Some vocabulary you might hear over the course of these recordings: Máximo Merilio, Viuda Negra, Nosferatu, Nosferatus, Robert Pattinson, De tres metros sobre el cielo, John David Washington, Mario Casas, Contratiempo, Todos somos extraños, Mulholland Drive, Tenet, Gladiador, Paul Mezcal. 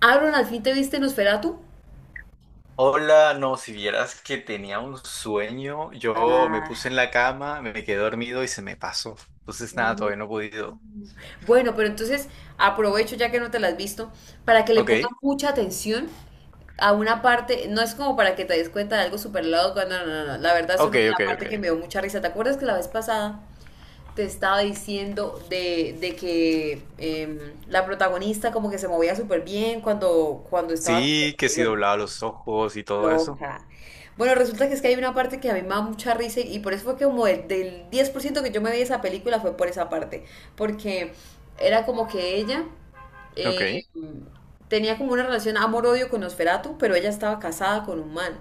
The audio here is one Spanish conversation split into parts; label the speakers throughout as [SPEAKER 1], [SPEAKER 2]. [SPEAKER 1] Aaron, ¿al fin te viste Nosferatu?
[SPEAKER 2] Hola, no, si vieras que tenía un sueño, yo me puse en
[SPEAKER 1] Ah.
[SPEAKER 2] la cama, me quedé dormido y se me pasó. Entonces, nada,
[SPEAKER 1] Mm.
[SPEAKER 2] todavía no he podido.
[SPEAKER 1] Bueno, pero entonces aprovecho ya que no te la has visto para que le pongas
[SPEAKER 2] Ok,
[SPEAKER 1] mucha atención a una parte, no es como para que te des cuenta de algo súper loco, cuando no, no, no, la verdad
[SPEAKER 2] ok,
[SPEAKER 1] solo la
[SPEAKER 2] ok, ok.
[SPEAKER 1] parte que me dio mucha risa. ¿Te acuerdas que la vez pasada te estaba diciendo de que la protagonista como que se movía súper bien cuando estaba.
[SPEAKER 2] Sí, que sí
[SPEAKER 1] Bueno,
[SPEAKER 2] doblaba los ojos y todo eso.
[SPEAKER 1] loca. Bueno, resulta que es que hay una parte que a mí me da mucha risa y por eso fue que como del 10% que yo me vi esa película fue por esa parte, porque era como que ella eh,
[SPEAKER 2] Ok.
[SPEAKER 1] tenía como una relación amor-odio con Nosferatu, pero ella estaba casada con un man.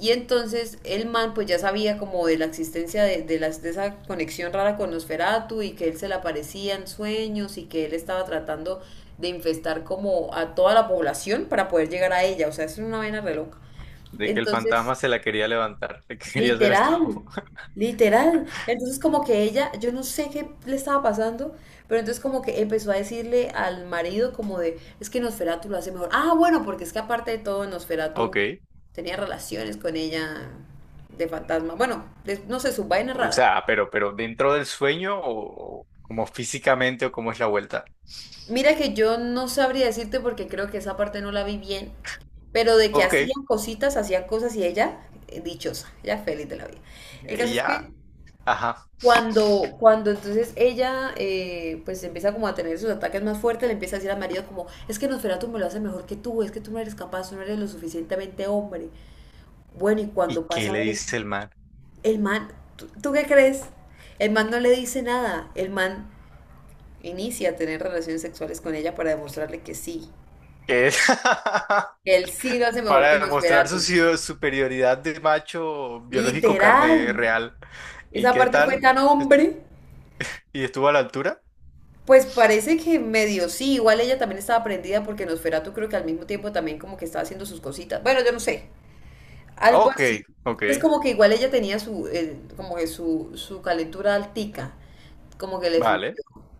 [SPEAKER 1] Y entonces el man pues ya sabía como de la existencia de esa conexión rara con Nosferatu y que él se le aparecía en sueños y que él estaba tratando de infestar como a toda la población para poder llegar a ella. O sea, es una vaina reloj.
[SPEAKER 2] De que el
[SPEAKER 1] Entonces,
[SPEAKER 2] fantasma se la quería levantar, le quería hacer el
[SPEAKER 1] literal,
[SPEAKER 2] cabo.
[SPEAKER 1] literal. Entonces como que ella, yo no sé qué le estaba pasando, pero entonces como que empezó a decirle al marido como de, es que Nosferatu lo hace mejor. Ah, bueno, porque es que aparte de todo,
[SPEAKER 2] Ok.
[SPEAKER 1] Nosferatu tenía relaciones con ella de fantasma. Bueno, de, no sé, sus vainas
[SPEAKER 2] O
[SPEAKER 1] raras.
[SPEAKER 2] sea, pero dentro del sueño o como físicamente o cómo es la vuelta.
[SPEAKER 1] Mira que yo no sabría decirte porque creo que esa parte no la vi bien, pero de que
[SPEAKER 2] Ok,
[SPEAKER 1] hacían cositas, hacían cosas y ella, dichosa, ella feliz de la vida. El caso es
[SPEAKER 2] ya.
[SPEAKER 1] que
[SPEAKER 2] Ajá.
[SPEAKER 1] cuando entonces ella pues empieza como a tener sus ataques más fuertes, le empieza a decir al marido como, es que Nosferatu me lo hace mejor que tú, es que tú no eres capaz, tú no eres lo suficientemente hombre. Bueno, y
[SPEAKER 2] ¿Y
[SPEAKER 1] cuando
[SPEAKER 2] qué
[SPEAKER 1] pasa
[SPEAKER 2] le
[SPEAKER 1] eso,
[SPEAKER 2] dice el man?
[SPEAKER 1] el man, ¿tú qué crees? El man no le dice nada, el man inicia a tener relaciones sexuales con ella para demostrarle que sí,
[SPEAKER 2] ¿Qué es?
[SPEAKER 1] que él sí lo hace mejor que
[SPEAKER 2] Para demostrar su
[SPEAKER 1] Nosferatu.
[SPEAKER 2] superioridad de macho biológico carne
[SPEAKER 1] Literal,
[SPEAKER 2] real. ¿Y
[SPEAKER 1] esa
[SPEAKER 2] qué
[SPEAKER 1] parte fue
[SPEAKER 2] tal?
[SPEAKER 1] tan
[SPEAKER 2] Estu-
[SPEAKER 1] hombre.
[SPEAKER 2] ¿Y estuvo a la altura?
[SPEAKER 1] Pues parece que medio sí, igual ella también estaba prendida porque Nosferatu creo que al mismo tiempo también como que estaba haciendo sus cositas. Bueno, yo no sé, algo
[SPEAKER 2] Ok,
[SPEAKER 1] así.
[SPEAKER 2] ok,
[SPEAKER 1] Entonces como que igual ella tenía su, como que su calentura altica, como que le fluyó.
[SPEAKER 2] vale.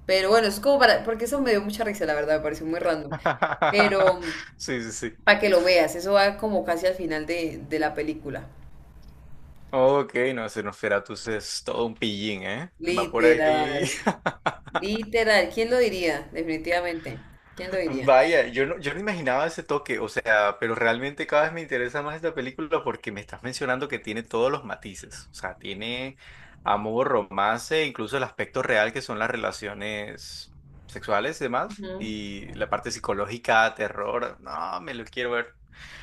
[SPEAKER 1] Pero bueno, es como para, porque eso me dio mucha risa, la verdad, me pareció muy random. Pero
[SPEAKER 2] Sí, sí, sí.
[SPEAKER 1] para que lo veas, eso va como casi al final de la película.
[SPEAKER 2] Ok, no, Nosferatus es todo un pillín, ¿eh? Va por ahí.
[SPEAKER 1] Literal, literal, ¿quién lo diría? Definitivamente, ¿quién lo diría?
[SPEAKER 2] Vaya, yo no imaginaba ese toque, o sea, pero realmente cada vez me interesa más esta película porque me estás mencionando que tiene todos los matices, o sea, tiene amor, romance, incluso el aspecto real que son las relaciones sexuales y demás,
[SPEAKER 1] Ujú.
[SPEAKER 2] y la parte psicológica, terror, no, me lo quiero ver,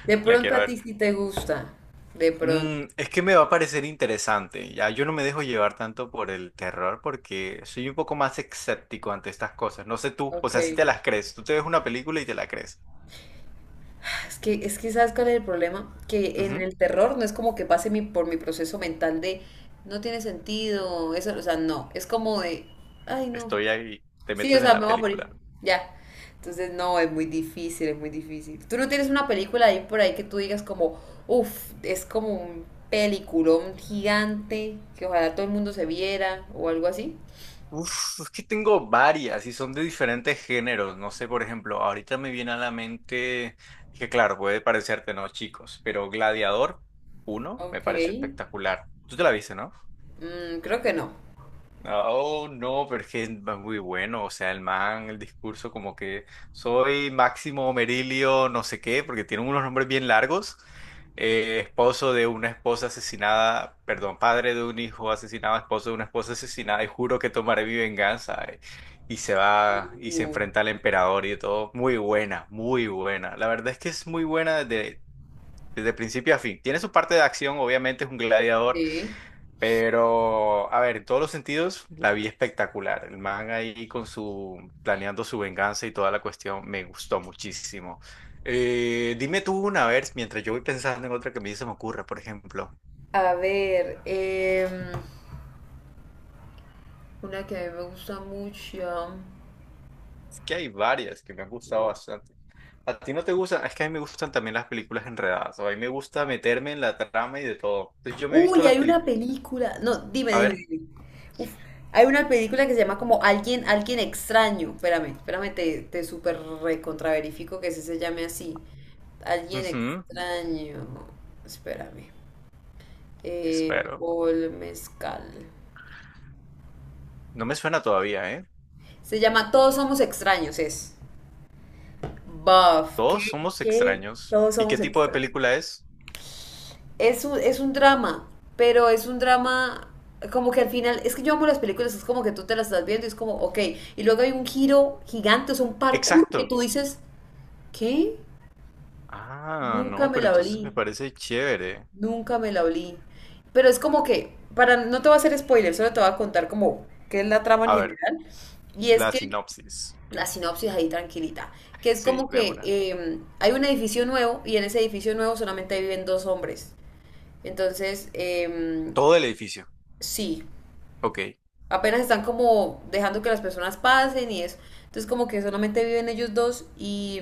[SPEAKER 1] De
[SPEAKER 2] la
[SPEAKER 1] pronto
[SPEAKER 2] quiero
[SPEAKER 1] a
[SPEAKER 2] ver.
[SPEAKER 1] ti sí te gusta. De pronto.
[SPEAKER 2] Mm, es que me va a parecer interesante, ya yo no me dejo llevar tanto por el terror porque soy un poco más escéptico ante estas cosas, no sé tú, o
[SPEAKER 1] Ok.
[SPEAKER 2] sea, si te las crees, tú te ves una película y te la crees.
[SPEAKER 1] Es que ¿sabes cuál es el problema? Que en el terror no es como que pase mi, por mi proceso mental de no tiene sentido, eso, o sea, no. Es como de, ay, no.
[SPEAKER 2] Estoy ahí, te
[SPEAKER 1] Sí, o
[SPEAKER 2] metes en
[SPEAKER 1] sea, me
[SPEAKER 2] la
[SPEAKER 1] voy a morir.
[SPEAKER 2] película.
[SPEAKER 1] Ya. Entonces, no, es muy difícil, es muy difícil. ¿Tú no tienes una película ahí por ahí que tú digas como, uff, es como un peliculón gigante que ojalá todo el mundo se viera o algo así?
[SPEAKER 2] Uf, es que tengo varias y son de diferentes géneros. No sé, por ejemplo, ahorita me viene a la mente que, claro, puede parecerte, ¿no, chicos? Pero Gladiador uno me
[SPEAKER 1] Ok.
[SPEAKER 2] pareció espectacular. Tú te la viste, ¿no?
[SPEAKER 1] Creo que no.
[SPEAKER 2] Ah, oh, no, pero es que es muy bueno, o sea, el man, el discurso como que soy Máximo Merilio, no sé qué, porque tiene unos nombres bien largos, esposo de una esposa asesinada, perdón, padre de un hijo asesinado, esposo de una esposa asesinada, y juro que tomaré mi venganza, y se va y se
[SPEAKER 1] Uh,
[SPEAKER 2] enfrenta al emperador y todo, muy buena, la verdad es que es muy buena desde principio a fin, tiene su parte de acción, obviamente es un gladiador
[SPEAKER 1] sí.
[SPEAKER 2] pero, a ver, en todos los sentidos, la vi espectacular. El man ahí con su, planeando su venganza y toda la cuestión, me gustó muchísimo. Dime tú una vez, mientras yo voy pensando en otra que a mí se me ocurra, por ejemplo.
[SPEAKER 1] A ver, una que a mí me gusta mucho.
[SPEAKER 2] Es que hay varias que me han gustado
[SPEAKER 1] Uf.
[SPEAKER 2] bastante. ¿A ti no te gustan? Es que a mí me gustan también las películas enredadas. O a mí me gusta meterme en la trama y de todo. Entonces yo me he visto
[SPEAKER 1] Uy,
[SPEAKER 2] las
[SPEAKER 1] hay una
[SPEAKER 2] películas.
[SPEAKER 1] película. No, dime,
[SPEAKER 2] A
[SPEAKER 1] dime,
[SPEAKER 2] ver.
[SPEAKER 1] dime. Uf, hay una película que se llama como Alguien Extraño. Espérame, espérame, te súper recontraverifico que ese se llame así. Alguien
[SPEAKER 2] Ujú.
[SPEAKER 1] Extraño. Espérame.
[SPEAKER 2] Espero.
[SPEAKER 1] Paul Mezcal.
[SPEAKER 2] No me suena todavía, ¿eh?
[SPEAKER 1] Se llama Todos Somos Extraños, es. Buff. ¿Qué?
[SPEAKER 2] Todos somos
[SPEAKER 1] ¿Qué?
[SPEAKER 2] extraños.
[SPEAKER 1] Todos
[SPEAKER 2] ¿Y qué
[SPEAKER 1] somos
[SPEAKER 2] tipo de
[SPEAKER 1] extraños.
[SPEAKER 2] película es?
[SPEAKER 1] Es un, es un drama, pero es un drama como que al final, es que yo amo las películas, es como que tú te las estás viendo y es como, ok, y luego hay un giro gigante, es un parkour que
[SPEAKER 2] Exacto.
[SPEAKER 1] tú dices, ¿qué?
[SPEAKER 2] Ah,
[SPEAKER 1] Nunca
[SPEAKER 2] no,
[SPEAKER 1] me
[SPEAKER 2] pero
[SPEAKER 1] la
[SPEAKER 2] entonces
[SPEAKER 1] olí,
[SPEAKER 2] me parece chévere.
[SPEAKER 1] nunca me la olí. Pero es como que, para, no te voy a hacer spoiler, solo te voy a contar como qué es la trama en
[SPEAKER 2] A ver,
[SPEAKER 1] general. Y es
[SPEAKER 2] la
[SPEAKER 1] que,
[SPEAKER 2] sinopsis.
[SPEAKER 1] la sinopsis ahí tranquilita, que es
[SPEAKER 2] Sí,
[SPEAKER 1] como
[SPEAKER 2] de
[SPEAKER 1] que
[SPEAKER 2] una.
[SPEAKER 1] hay un edificio nuevo y en ese edificio nuevo solamente viven dos hombres. Entonces,
[SPEAKER 2] Todo el edificio.
[SPEAKER 1] sí.
[SPEAKER 2] Ok,
[SPEAKER 1] Apenas están como dejando que las personas pasen y eso. Entonces como que solamente viven ellos dos y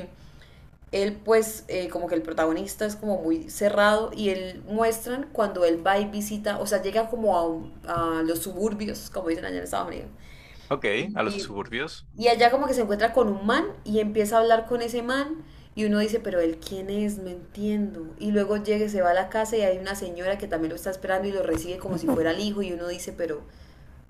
[SPEAKER 1] él pues como que el protagonista es como muy cerrado y él muestran cuando él va y visita, o sea, llega como a los suburbios, como dicen allá en Estados Unidos.
[SPEAKER 2] ok, a los
[SPEAKER 1] Y,
[SPEAKER 2] suburbios.
[SPEAKER 1] y allá como que se encuentra con un man y empieza a hablar con ese man y uno dice, pero él quién es, no entiendo. Y luego llega, y se va a la casa y hay una señora que también lo está esperando y lo recibe como si fuera el hijo y uno dice, pero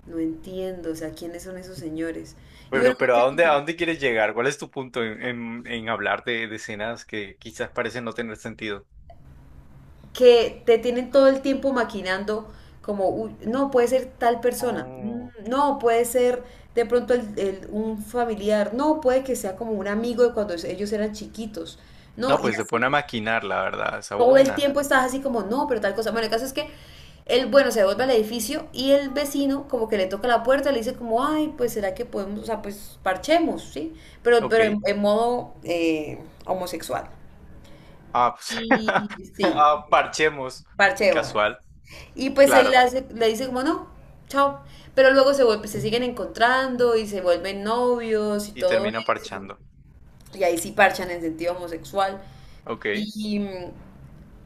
[SPEAKER 1] no entiendo, o sea, ¿quiénes son esos señores? Y bueno, uno
[SPEAKER 2] Pero
[SPEAKER 1] que
[SPEAKER 2] a dónde quieres llegar? ¿Cuál es tu punto en hablar de escenas que quizás parecen no tener sentido?
[SPEAKER 1] que te tienen todo el tiempo maquinando como, "Uy, no, puede ser tal persona.
[SPEAKER 2] Oh.
[SPEAKER 1] Mm, no, puede ser de pronto un familiar, no, puede que sea como un amigo de cuando ellos eran chiquitos, no,
[SPEAKER 2] No,
[SPEAKER 1] y
[SPEAKER 2] pues se
[SPEAKER 1] así,
[SPEAKER 2] pone a maquinar, la verdad. Esa
[SPEAKER 1] todo el
[SPEAKER 2] buena.
[SPEAKER 1] tiempo estás así como, no, pero tal cosa. Bueno, el caso es que él, bueno, se devuelve al edificio y el vecino como que le toca la puerta, le dice como, ay, pues será que podemos, o sea, pues parchemos, ¿sí?
[SPEAKER 2] Ok.
[SPEAKER 1] Pero en modo homosexual.
[SPEAKER 2] Ah, pues,
[SPEAKER 1] Y sí,
[SPEAKER 2] ah, parchemos.
[SPEAKER 1] parche de bodas.
[SPEAKER 2] Casual,
[SPEAKER 1] Y pues él
[SPEAKER 2] claro.
[SPEAKER 1] le dice como no, chao. Pero luego se vuelve, se siguen encontrando y se vuelven novios y
[SPEAKER 2] Y
[SPEAKER 1] todo
[SPEAKER 2] termina
[SPEAKER 1] eso.
[SPEAKER 2] parchando.
[SPEAKER 1] Y ahí sí parchan en sentido homosexual.
[SPEAKER 2] Ok.
[SPEAKER 1] Y mm,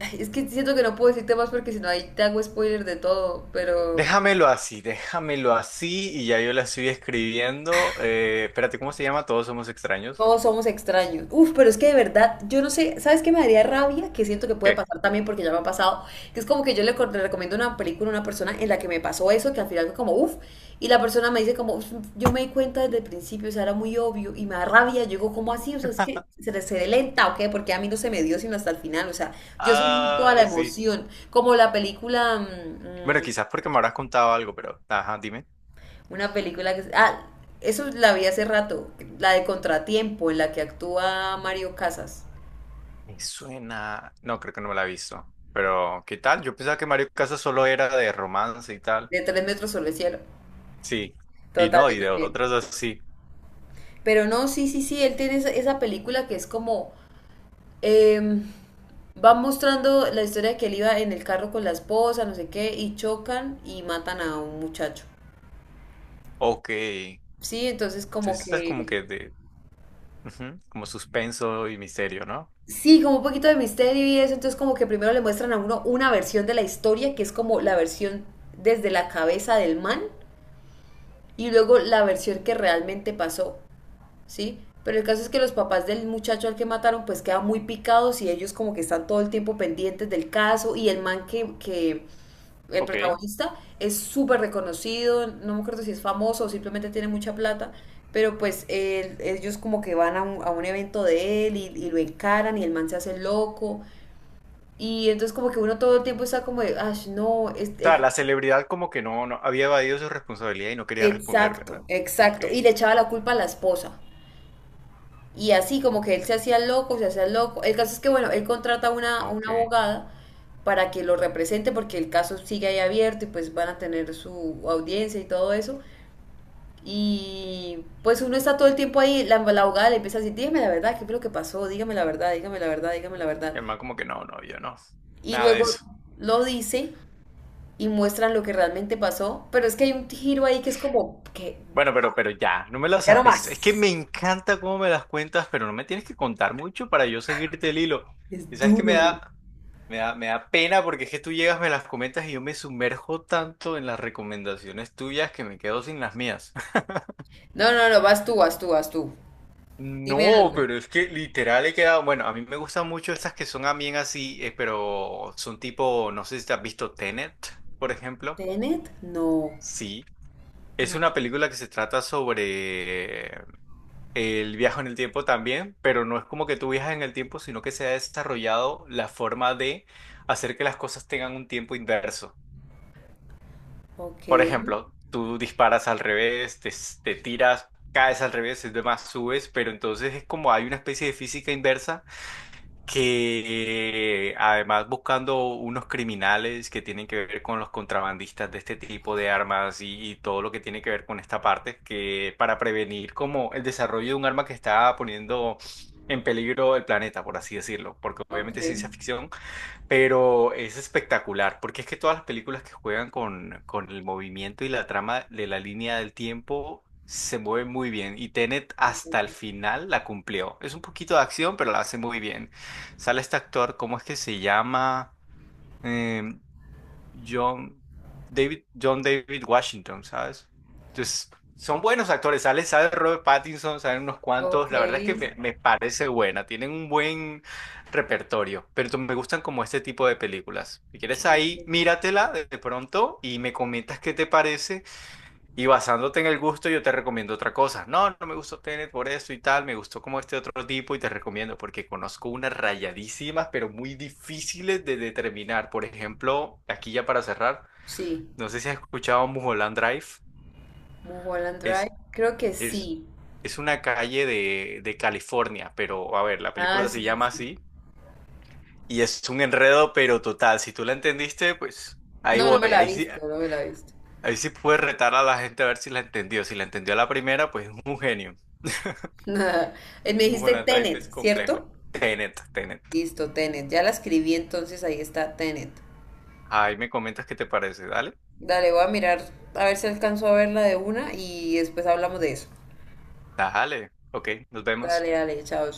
[SPEAKER 1] ay, es que siento que no puedo decirte más porque si no ahí te hago spoiler de todo, pero
[SPEAKER 2] Déjamelo así y ya yo la estoy escribiendo. Espérate, ¿cómo se llama? Todos somos extraños.
[SPEAKER 1] Todos somos extraños. Uf, pero es que de verdad, yo no sé, ¿sabes qué me daría rabia? Que siento que puede
[SPEAKER 2] ¿Qué?
[SPEAKER 1] pasar también porque ya me ha pasado. Que es como que yo le, le recomiendo una película a una persona en la que me pasó eso, que al final fue como, uf, y la persona me dice como, "Uf, yo me di cuenta desde el principio, o sea, era muy obvio", y me da rabia. Yo digo, ¿cómo así? O sea, es que se le lenta, ¿o qué? Porque a mí no se me dio sino hasta el final, o sea, yo sí vi toda la
[SPEAKER 2] Ay, sí.
[SPEAKER 1] emoción. Como la película,
[SPEAKER 2] Bueno,
[SPEAKER 1] mm,
[SPEAKER 2] quizás porque me habrás contado algo, pero... Ajá, dime.
[SPEAKER 1] una película que. Ah, eso la vi hace rato, la de Contratiempo, en la que actúa Mario Casas.
[SPEAKER 2] Me suena... No, creo que no me la he visto. Pero, ¿qué tal? Yo pensaba que Mario Casas solo era de romance y tal.
[SPEAKER 1] De tres metros sobre el cielo.
[SPEAKER 2] Sí. Y
[SPEAKER 1] Total,
[SPEAKER 2] no,
[SPEAKER 1] yo
[SPEAKER 2] y de
[SPEAKER 1] también.
[SPEAKER 2] otras así.
[SPEAKER 1] Pero no, sí, sí, sí, él tiene esa, esa película que es como, em, va mostrando la historia de que él iba en el carro con la esposa, no sé qué, y chocan y matan a un muchacho.
[SPEAKER 2] Ok. Entonces,
[SPEAKER 1] Sí, entonces como
[SPEAKER 2] es como
[SPEAKER 1] que.
[SPEAKER 2] que de... ujú, como suspenso y misterio, ¿no?
[SPEAKER 1] Sí, como un poquito de misterio y eso, entonces como que primero le muestran a uno una versión de la historia, que es como la versión desde la cabeza del man, y luego la versión que realmente pasó. ¿Sí? Pero el caso es que los papás del muchacho al que mataron pues quedan muy picados y ellos como que están todo el tiempo pendientes del caso y el man que el
[SPEAKER 2] Ok.
[SPEAKER 1] protagonista es súper reconocido, no me acuerdo si es famoso o simplemente tiene mucha plata, pero pues ellos como que van a un evento de él y lo encaran y el man se hace loco y entonces como que uno todo el tiempo está como de, "Ash, no,
[SPEAKER 2] O sea, la celebridad como que no, no había evadido su responsabilidad y no quería responder,
[SPEAKER 1] exacto,
[SPEAKER 2] ¿verdad? Ok,
[SPEAKER 1] exacto", y le echaba la culpa a la esposa. Y así como que él se hacía loco, se hacía loco. El caso es que, bueno, él contrata a
[SPEAKER 2] ah, ok.
[SPEAKER 1] una
[SPEAKER 2] Y
[SPEAKER 1] abogada para que lo represente porque el caso sigue ahí abierto y pues van a tener su audiencia y todo eso. Y pues uno está todo el tiempo ahí, la abogada le empieza a decir, dígame la verdad, ¿qué fue lo que pasó? Dígame la verdad, dígame la verdad, dígame la verdad.
[SPEAKER 2] el man como que no, no, yo no.
[SPEAKER 1] Y
[SPEAKER 2] Nada de
[SPEAKER 1] luego
[SPEAKER 2] eso.
[SPEAKER 1] lo dice y muestran lo que realmente pasó, pero es que hay un giro ahí que es como que
[SPEAKER 2] Bueno, pero ya, no me las
[SPEAKER 1] ya no
[SPEAKER 2] sabes. Es que
[SPEAKER 1] más.
[SPEAKER 2] me encanta cómo me las cuentas, pero no me tienes que contar mucho para yo seguirte el hilo.
[SPEAKER 1] Es
[SPEAKER 2] Y sabes que
[SPEAKER 1] duro.
[SPEAKER 2] me da pena porque es que tú llegas, me las comentas y yo me sumerjo tanto en las recomendaciones tuyas que me quedo sin las mías.
[SPEAKER 1] No, no, no, vas tú, vas tú, vas tú. Dime
[SPEAKER 2] No,
[SPEAKER 1] algo.
[SPEAKER 2] pero es que literal he quedado. Bueno, a mí me gustan mucho estas que son a bien así, pero son tipo, no sé si te has visto Tenet, por ejemplo.
[SPEAKER 1] Tenet, no,
[SPEAKER 2] Sí. Es una
[SPEAKER 1] no,
[SPEAKER 2] película que se trata sobre el viaje en el tiempo también, pero no es como que tú viajas en el tiempo, sino que se ha desarrollado la forma de hacer que las cosas tengan un tiempo inverso. Por
[SPEAKER 1] ok,
[SPEAKER 2] ejemplo, tú disparas al revés, te tiras, caes al revés y demás subes, pero entonces es como hay una especie de física inversa que además buscando unos criminales que tienen que ver con los contrabandistas de este tipo de armas y todo lo que tiene que ver con esta parte, que para prevenir como el desarrollo de un arma que está poniendo en peligro el planeta, por así decirlo, porque obviamente
[SPEAKER 1] ok,
[SPEAKER 2] es ciencia ficción, pero es espectacular, porque es que todas las películas que juegan con el movimiento y la trama de la línea del tiempo se mueven muy bien. Y Tenet hasta el final la cumplió. Es un poquito de acción, pero la hace muy bien. Sale este actor, ¿cómo es que se llama? Em, John John David Washington, ¿sabes? Entonces, son buenos actores, sale, sale Robert Pattinson, salen unos
[SPEAKER 1] ok,
[SPEAKER 2] cuantos, la verdad es que me parece buena, tienen un buen repertorio, pero me gustan como este tipo de películas. Si quieres
[SPEAKER 1] ok,
[SPEAKER 2] ahí, míratela de pronto y me comentas qué te parece y basándote en el gusto, yo te recomiendo otra cosa. No, no me gustó Tenet por esto y tal, me gustó como este otro tipo y te recomiendo porque conozco unas rayadísimas, pero muy difíciles de determinar. Por ejemplo, aquí ya para cerrar,
[SPEAKER 1] sí,
[SPEAKER 2] no sé si has escuchado Mulholland Drive.
[SPEAKER 1] Mulholland Drive,
[SPEAKER 2] Es,
[SPEAKER 1] creo que
[SPEAKER 2] es,
[SPEAKER 1] sí,
[SPEAKER 2] es una calle de California, pero a ver, la
[SPEAKER 1] ah,
[SPEAKER 2] película se
[SPEAKER 1] sí, sí,
[SPEAKER 2] llama
[SPEAKER 1] sí,
[SPEAKER 2] así y es un enredo, pero total. Si tú la entendiste, pues ahí
[SPEAKER 1] no, no me
[SPEAKER 2] voy.
[SPEAKER 1] la he visto, no me la he visto.
[SPEAKER 2] Ahí sí puedes retar a la gente a ver si la entendió. Si la entendió a la primera, pues es un genio.
[SPEAKER 1] Me dijiste
[SPEAKER 2] Mulholland Drive es
[SPEAKER 1] Tenet,
[SPEAKER 2] complejo.
[SPEAKER 1] ¿cierto?
[SPEAKER 2] Tenet, Tenet.
[SPEAKER 1] Listo, Tenet, ya la escribí entonces, ahí está Tenet,
[SPEAKER 2] Ahí me comentas qué te parece. Dale.
[SPEAKER 1] dale, voy a mirar, a ver si alcanzo a verla de una y después hablamos de eso,
[SPEAKER 2] Dale. Ok, nos vemos.
[SPEAKER 1] dale, dale, chao.